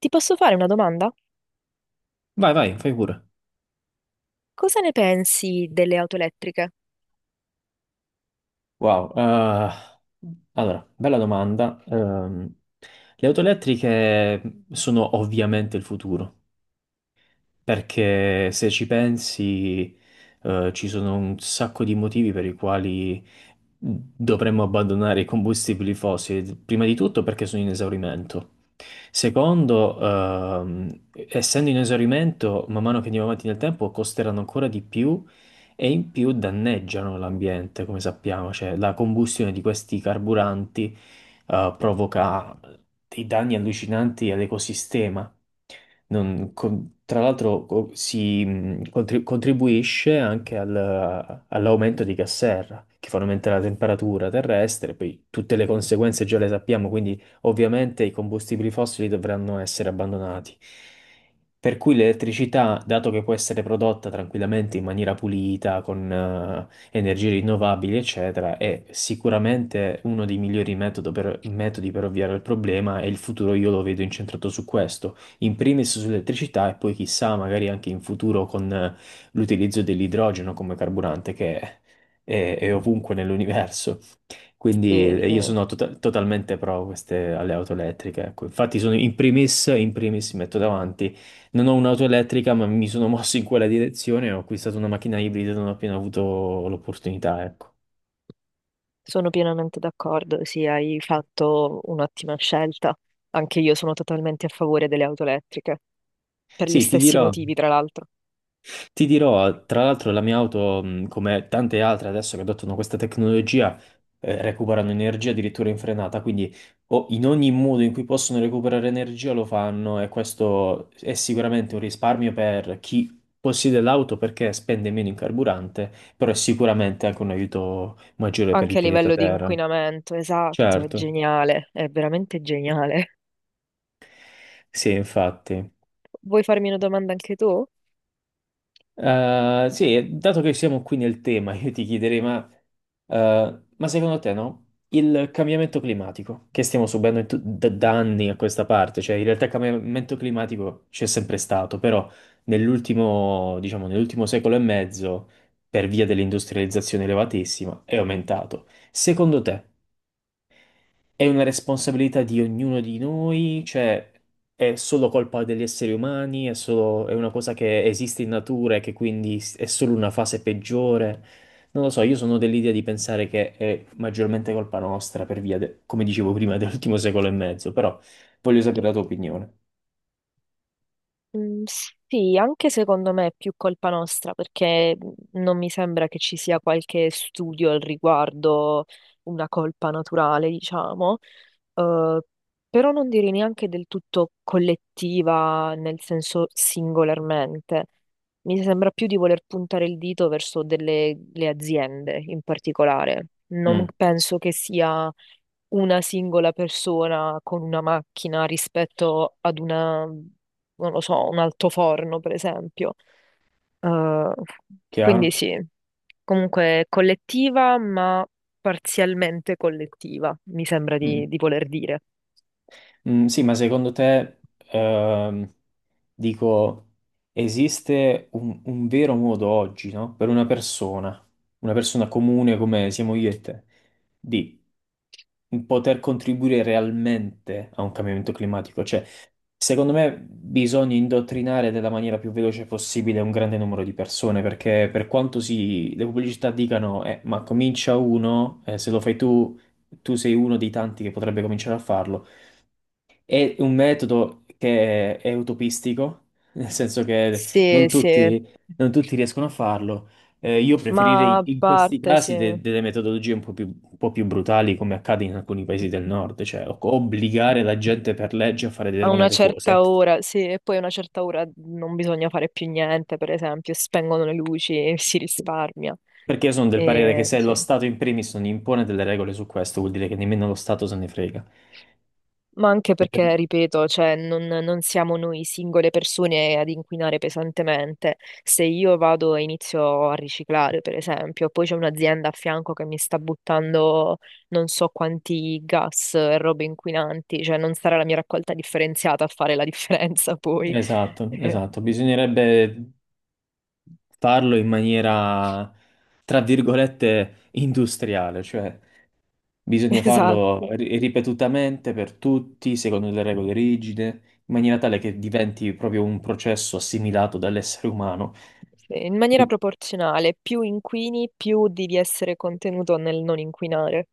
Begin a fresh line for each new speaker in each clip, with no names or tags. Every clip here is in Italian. Ti posso fare una domanda?
Vai, vai, fai pure.
Cosa ne pensi delle auto elettriche?
Wow, allora, bella domanda. Le auto elettriche sono ovviamente il futuro, perché se ci pensi, ci sono un sacco di motivi per i quali dovremmo abbandonare i combustibili fossili. Prima di tutto perché sono in esaurimento. Secondo, essendo in esaurimento, man mano che andiamo avanti nel tempo, costeranno ancora di più e in più danneggiano l'ambiente, come sappiamo. Cioè, la combustione di questi carburanti, provoca dei danni allucinanti all'ecosistema. Tra l'altro contribuisce anche all'aumento di gas serra, che fa aumentare la temperatura terrestre, poi tutte le conseguenze già le sappiamo, quindi ovviamente i combustibili fossili dovranno essere abbandonati. Per cui l'elettricità, dato che può essere prodotta tranquillamente in maniera pulita, con energie rinnovabili, eccetera, è sicuramente uno dei metodi per ovviare al problema e il futuro io lo vedo incentrato su questo, in primis sull'elettricità e poi chissà, magari anche in futuro con l'utilizzo dell'idrogeno come carburante che è ovunque nell'universo. Quindi
Sì,
io
sì,
sono totalmente pro queste, alle auto elettriche. Ecco. Infatti sono in primis mi metto davanti. Non ho un'auto elettrica, ma mi sono mosso in quella direzione. Ho acquistato una macchina ibrida non ho appena avuto l'opportunità, ecco.
sono pienamente d'accordo, sì, hai fatto un'ottima scelta. Anche io sono totalmente a favore delle auto elettriche, per gli
Sì, ti
stessi
dirò.
motivi, tra l'altro.
Ti dirò, tra l'altro, la mia auto, come tante altre adesso che adottano questa tecnologia, recuperano energia addirittura in frenata, quindi o in ogni modo in cui possono recuperare energia lo fanno e questo è sicuramente un risparmio per chi possiede l'auto perché spende meno in carburante, però è sicuramente anche un aiuto maggiore per il
Anche a
pianeta
livello di
Terra.
inquinamento, esatto, è
Certo.
geniale, è veramente geniale.
Sì, infatti.
Vuoi farmi una domanda anche tu?
Sì, dato che siamo qui nel tema, io ti chiederei, ma secondo te, no? Il cambiamento climatico che stiamo subendo in da anni a questa parte, cioè in realtà il cambiamento climatico c'è sempre stato, però nell'ultimo, diciamo, nell'ultimo secolo e mezzo, per via dell'industrializzazione elevatissima, è aumentato. Secondo te? È una responsabilità di ognuno di noi, cioè è solo colpa degli esseri umani, è solo, è una cosa che esiste in natura e che quindi è solo una fase peggiore. Non lo so, io sono dell'idea di pensare che è maggiormente colpa nostra per via, come dicevo prima, dell'ultimo secolo e mezzo, però voglio sapere la tua opinione.
Mm, sì, anche secondo me è più colpa nostra perché non mi sembra che ci sia qualche studio al riguardo, una colpa naturale, diciamo, Eh, però non direi neanche del tutto collettiva nel senso singolarmente. Mi sembra più di voler puntare il dito verso le aziende in particolare. Non
Mm,
penso che sia una singola persona con una macchina rispetto ad una, non lo so, un altoforno, per esempio. Eh, quindi
chiaro?
sì, comunque collettiva, ma parzialmente collettiva, mi sembra
Mm.
di voler dire.
Mm, sì, ma secondo te, ehm, dico, esiste un vero modo oggi, no? Per una persona comune come siamo io e te, di poter contribuire realmente a un cambiamento climatico? Cioè, secondo me bisogna indottrinare nella maniera più veloce possibile un grande numero di persone, perché per quanto si, le pubblicità dicano, ma comincia uno, se lo fai tu, tu sei uno dei tanti che potrebbe cominciare a farlo. È un metodo che è utopistico, nel senso che
Sì,
non
sì,
tutti, non tutti riescono a farlo. Io
ma
preferirei
a
in questi
parte, sì,
casi
a
delle metodologie un po' più brutali, come accade in alcuni paesi del nord, cioè obbligare la gente per legge a fare
una
determinate cose.
certa ora, sì, e poi a una certa ora non bisogna fare più niente, per esempio, spengono le luci, si risparmia.
Perché io sono del parere che
E,
se lo
sì.
Stato in primis non impone delle regole su questo, vuol dire che nemmeno lo Stato se ne frega.
Ma anche perché, ripeto, cioè, non siamo noi singole persone ad inquinare pesantemente. Se io vado e inizio a riciclare, per esempio, poi c'è un'azienda a fianco che mi sta buttando non so quanti gas e robe inquinanti, cioè non sarà la mia raccolta differenziata a fare la differenza poi.
Esatto,
Eh,
esatto. Bisognerebbe farlo in maniera, tra virgolette, industriale, cioè bisogna farlo
esatto.
ripetutamente per tutti, secondo delle regole rigide, in maniera tale che diventi proprio un processo assimilato dall'essere umano.
Sì, in maniera proporzionale, più inquini, più devi essere contenuto nel non inquinare.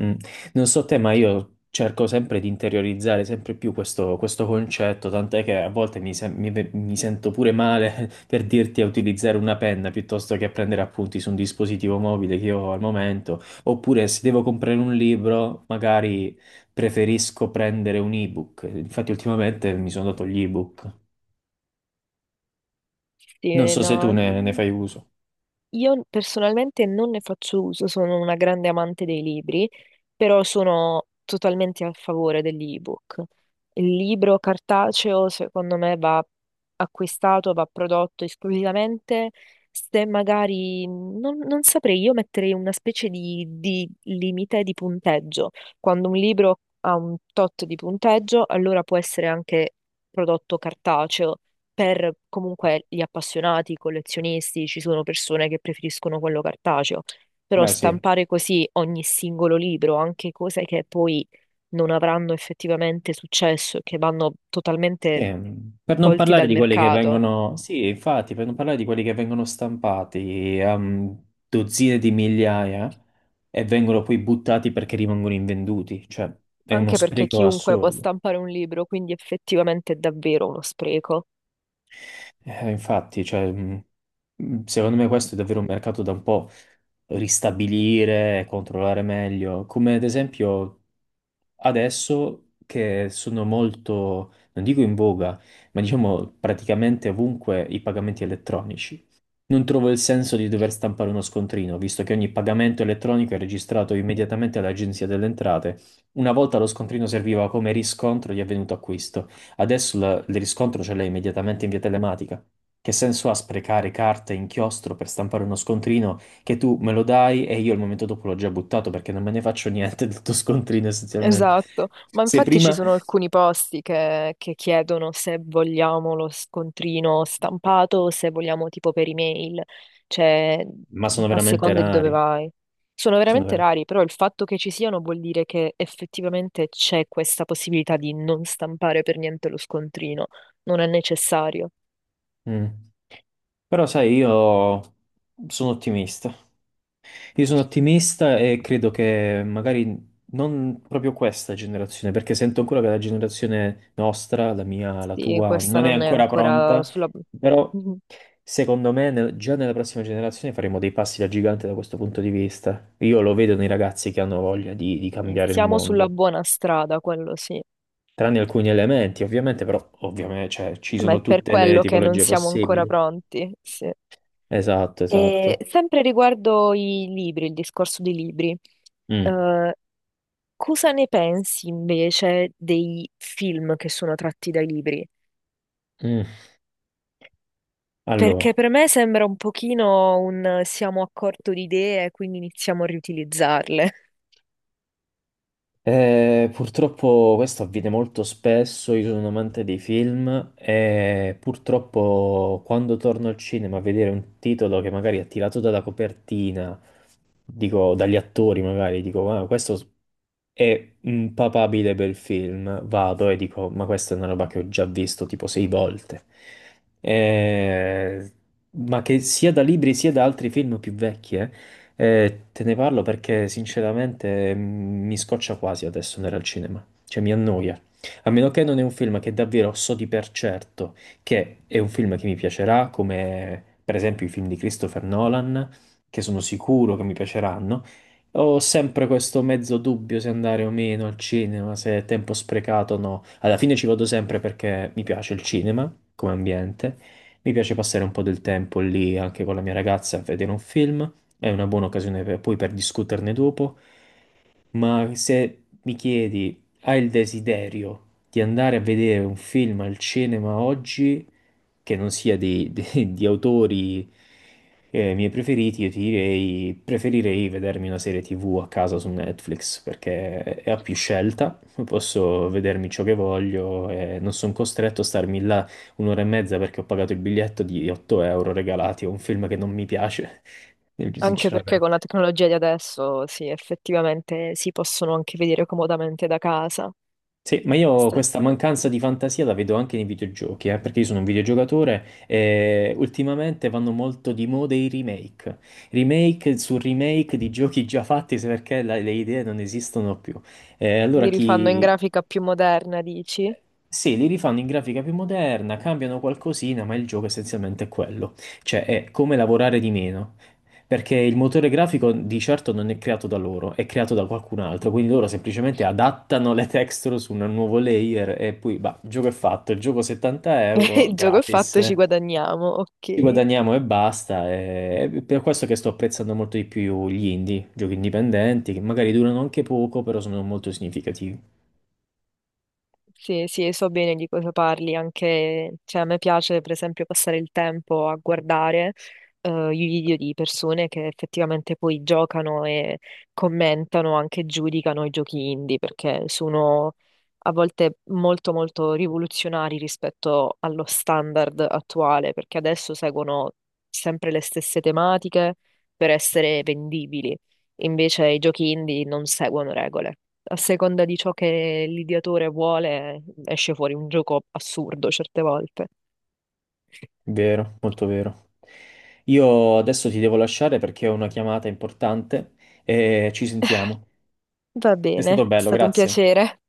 Mm. Non so te, ma io cerco sempre di interiorizzare sempre più questo, questo concetto, tant'è che a volte mi sento pure male per dirti a utilizzare una penna piuttosto che a prendere appunti su un dispositivo mobile che io ho al momento, oppure se devo comprare un libro, magari preferisco prendere un ebook. Infatti ultimamente mi sono dato gli ebook. Non
Sì,
so se tu
no.
ne fai uso.
Io personalmente non ne faccio uso, sono una grande amante dei libri, però sono totalmente a favore dell'ebook. Il libro cartaceo, secondo me, va acquistato, va prodotto esclusivamente se magari, non saprei, io metterei una specie di limite di punteggio. Quando un libro ha un tot di punteggio, allora può essere anche prodotto cartaceo per comunque gli appassionati, i collezionisti, ci sono persone che preferiscono quello cartaceo, però
Beh, sì.
stampare così ogni singolo libro, anche cose che poi non avranno effettivamente successo e che vanno totalmente
Per non
tolti
parlare
dal
di quelli che
mercato,
vengono, sì, infatti, per non parlare di quelli che vengono stampati a dozzine di migliaia e vengono poi buttati perché rimangono invenduti, cioè è uno
anche perché
spreco
chiunque può
assurdo.
stampare un libro, quindi effettivamente è davvero uno spreco.
Infatti, cioè, secondo me questo è davvero un mercato da un po' ristabilire e controllare meglio, come ad esempio adesso che sono molto, non dico in voga, ma diciamo praticamente ovunque i pagamenti elettronici. Non trovo il senso di dover stampare uno scontrino, visto che ogni pagamento elettronico è registrato immediatamente all'Agenzia delle Entrate. Una volta lo scontrino serviva come riscontro di avvenuto acquisto, adesso il riscontro ce l'hai immediatamente in via telematica. Che senso ha sprecare carta e inchiostro per stampare uno scontrino che tu me lo dai e io il momento dopo l'ho già buttato perché non me ne faccio niente del tuo scontrino essenzialmente.
Esatto, ma
Se
infatti ci
prima...
sono alcuni posti che chiedono se vogliamo lo scontrino stampato o se vogliamo tipo per email, cioè
Ma sono
a
veramente
seconda di dove
rari.
vai. Sono
Sono
veramente
vera-
rari, però il fatto che ci siano vuol dire che effettivamente c'è questa possibilità di non stampare per niente lo scontrino, non è necessario.
Mm. Però sai, io sono ottimista. Io sono ottimista e credo che magari non proprio questa generazione, perché sento ancora che la generazione nostra, la mia, la
Sì,
tua,
questa
non è
non è
ancora
ancora
pronta,
sulla...
però secondo me già nella prossima generazione faremo dei passi da gigante da questo punto di vista. Io lo vedo nei ragazzi che hanno voglia di
Sì,
cambiare il
siamo sulla
mondo,
buona strada, quello sì.
tranne alcuni elementi, ovviamente, però ovviamente cioè, ci
Ma è
sono
per
tutte le
quello che non
tipologie
siamo ancora
possibili.
pronti, sì.
Esatto,
E
esatto.
sempre riguardo i libri, il discorso dei libri,
Mm,
eh, cosa ne pensi invece dei film che sono tratti dai libri?
mm.
Perché
Allora.
per me sembra un pochino un siamo a corto di idee, quindi iniziamo a riutilizzarle.
Purtroppo questo avviene molto spesso, io sono un amante dei film e purtroppo quando torno al cinema a vedere un titolo che magari è tirato dalla copertina, dico dagli attori magari, dico ah, questo è un papabile bel film, vado e dico ma questa è una roba che ho già visto tipo sei volte. Eh, ma che sia da libri sia da altri film più vecchi, te ne parlo perché sinceramente mi scoccia quasi adesso andare al cinema, cioè mi annoia. A meno che non è un film che davvero so di per certo che è un film che mi piacerà, come per esempio i film di Christopher Nolan, che sono sicuro che mi piaceranno. Ho sempre questo mezzo dubbio se andare o meno al cinema, se è tempo sprecato o no. Alla fine ci vado sempre perché mi piace il cinema come ambiente, mi piace passare un po' del tempo lì anche con la mia ragazza a vedere un film, è una buona occasione poi per discuterne dopo, ma se mi chiedi, hai il desiderio di andare a vedere un film al cinema oggi che non sia di, di autori miei preferiti, io ti direi, preferirei vedermi una serie TV a casa su Netflix perché ho più scelta, posso vedermi ciò che voglio e non sono costretto a starmi là un'ora e mezza perché ho pagato il biglietto di 8 euro regalati a un film che non mi piace,
Anche perché con la
sinceramente.
tecnologia di adesso, sì, effettivamente si possono anche vedere comodamente da casa.
Sì, ma io
Sta-
questa mancanza di fantasia la vedo anche nei videogiochi, perché io sono un videogiocatore e ultimamente vanno molto di moda i remake. Remake su remake di giochi già fatti se perché le idee non esistono più. Allora
Li rifanno in
chi,
grafica più moderna, dici?
sì, li rifanno in grafica più moderna, cambiano qualcosina, ma il gioco essenzialmente è quello. Cioè, è come lavorare di meno. Perché il motore grafico di certo non è creato da loro, è creato da qualcun altro. Quindi loro semplicemente adattano le texture su un nuovo layer e poi, bah, il gioco è fatto. Il gioco 70 euro,
Il gioco è
gratis.
fatto, ci guadagniamo,
Ci
ok.
guadagniamo e basta. E è per questo che sto apprezzando molto di più gli indie, giochi indipendenti, che magari durano anche poco, però sono molto significativi.
Sì, sì, so bene di cosa parli, anche, cioè, a me piace per esempio passare il tempo a guardare i video di persone che effettivamente poi giocano e commentano, anche giudicano i giochi indie, perché sono a volte molto molto rivoluzionari rispetto allo standard attuale, perché adesso seguono sempre le stesse tematiche per essere vendibili, invece i giochi indie non seguono regole a seconda di ciò che l'ideatore vuole, esce fuori un gioco assurdo certe volte.
Vero, molto vero. Io adesso ti devo lasciare perché ho una chiamata importante e ci sentiamo.
Va
È
bene, è
stato bello,
stato un
grazie.
piacere.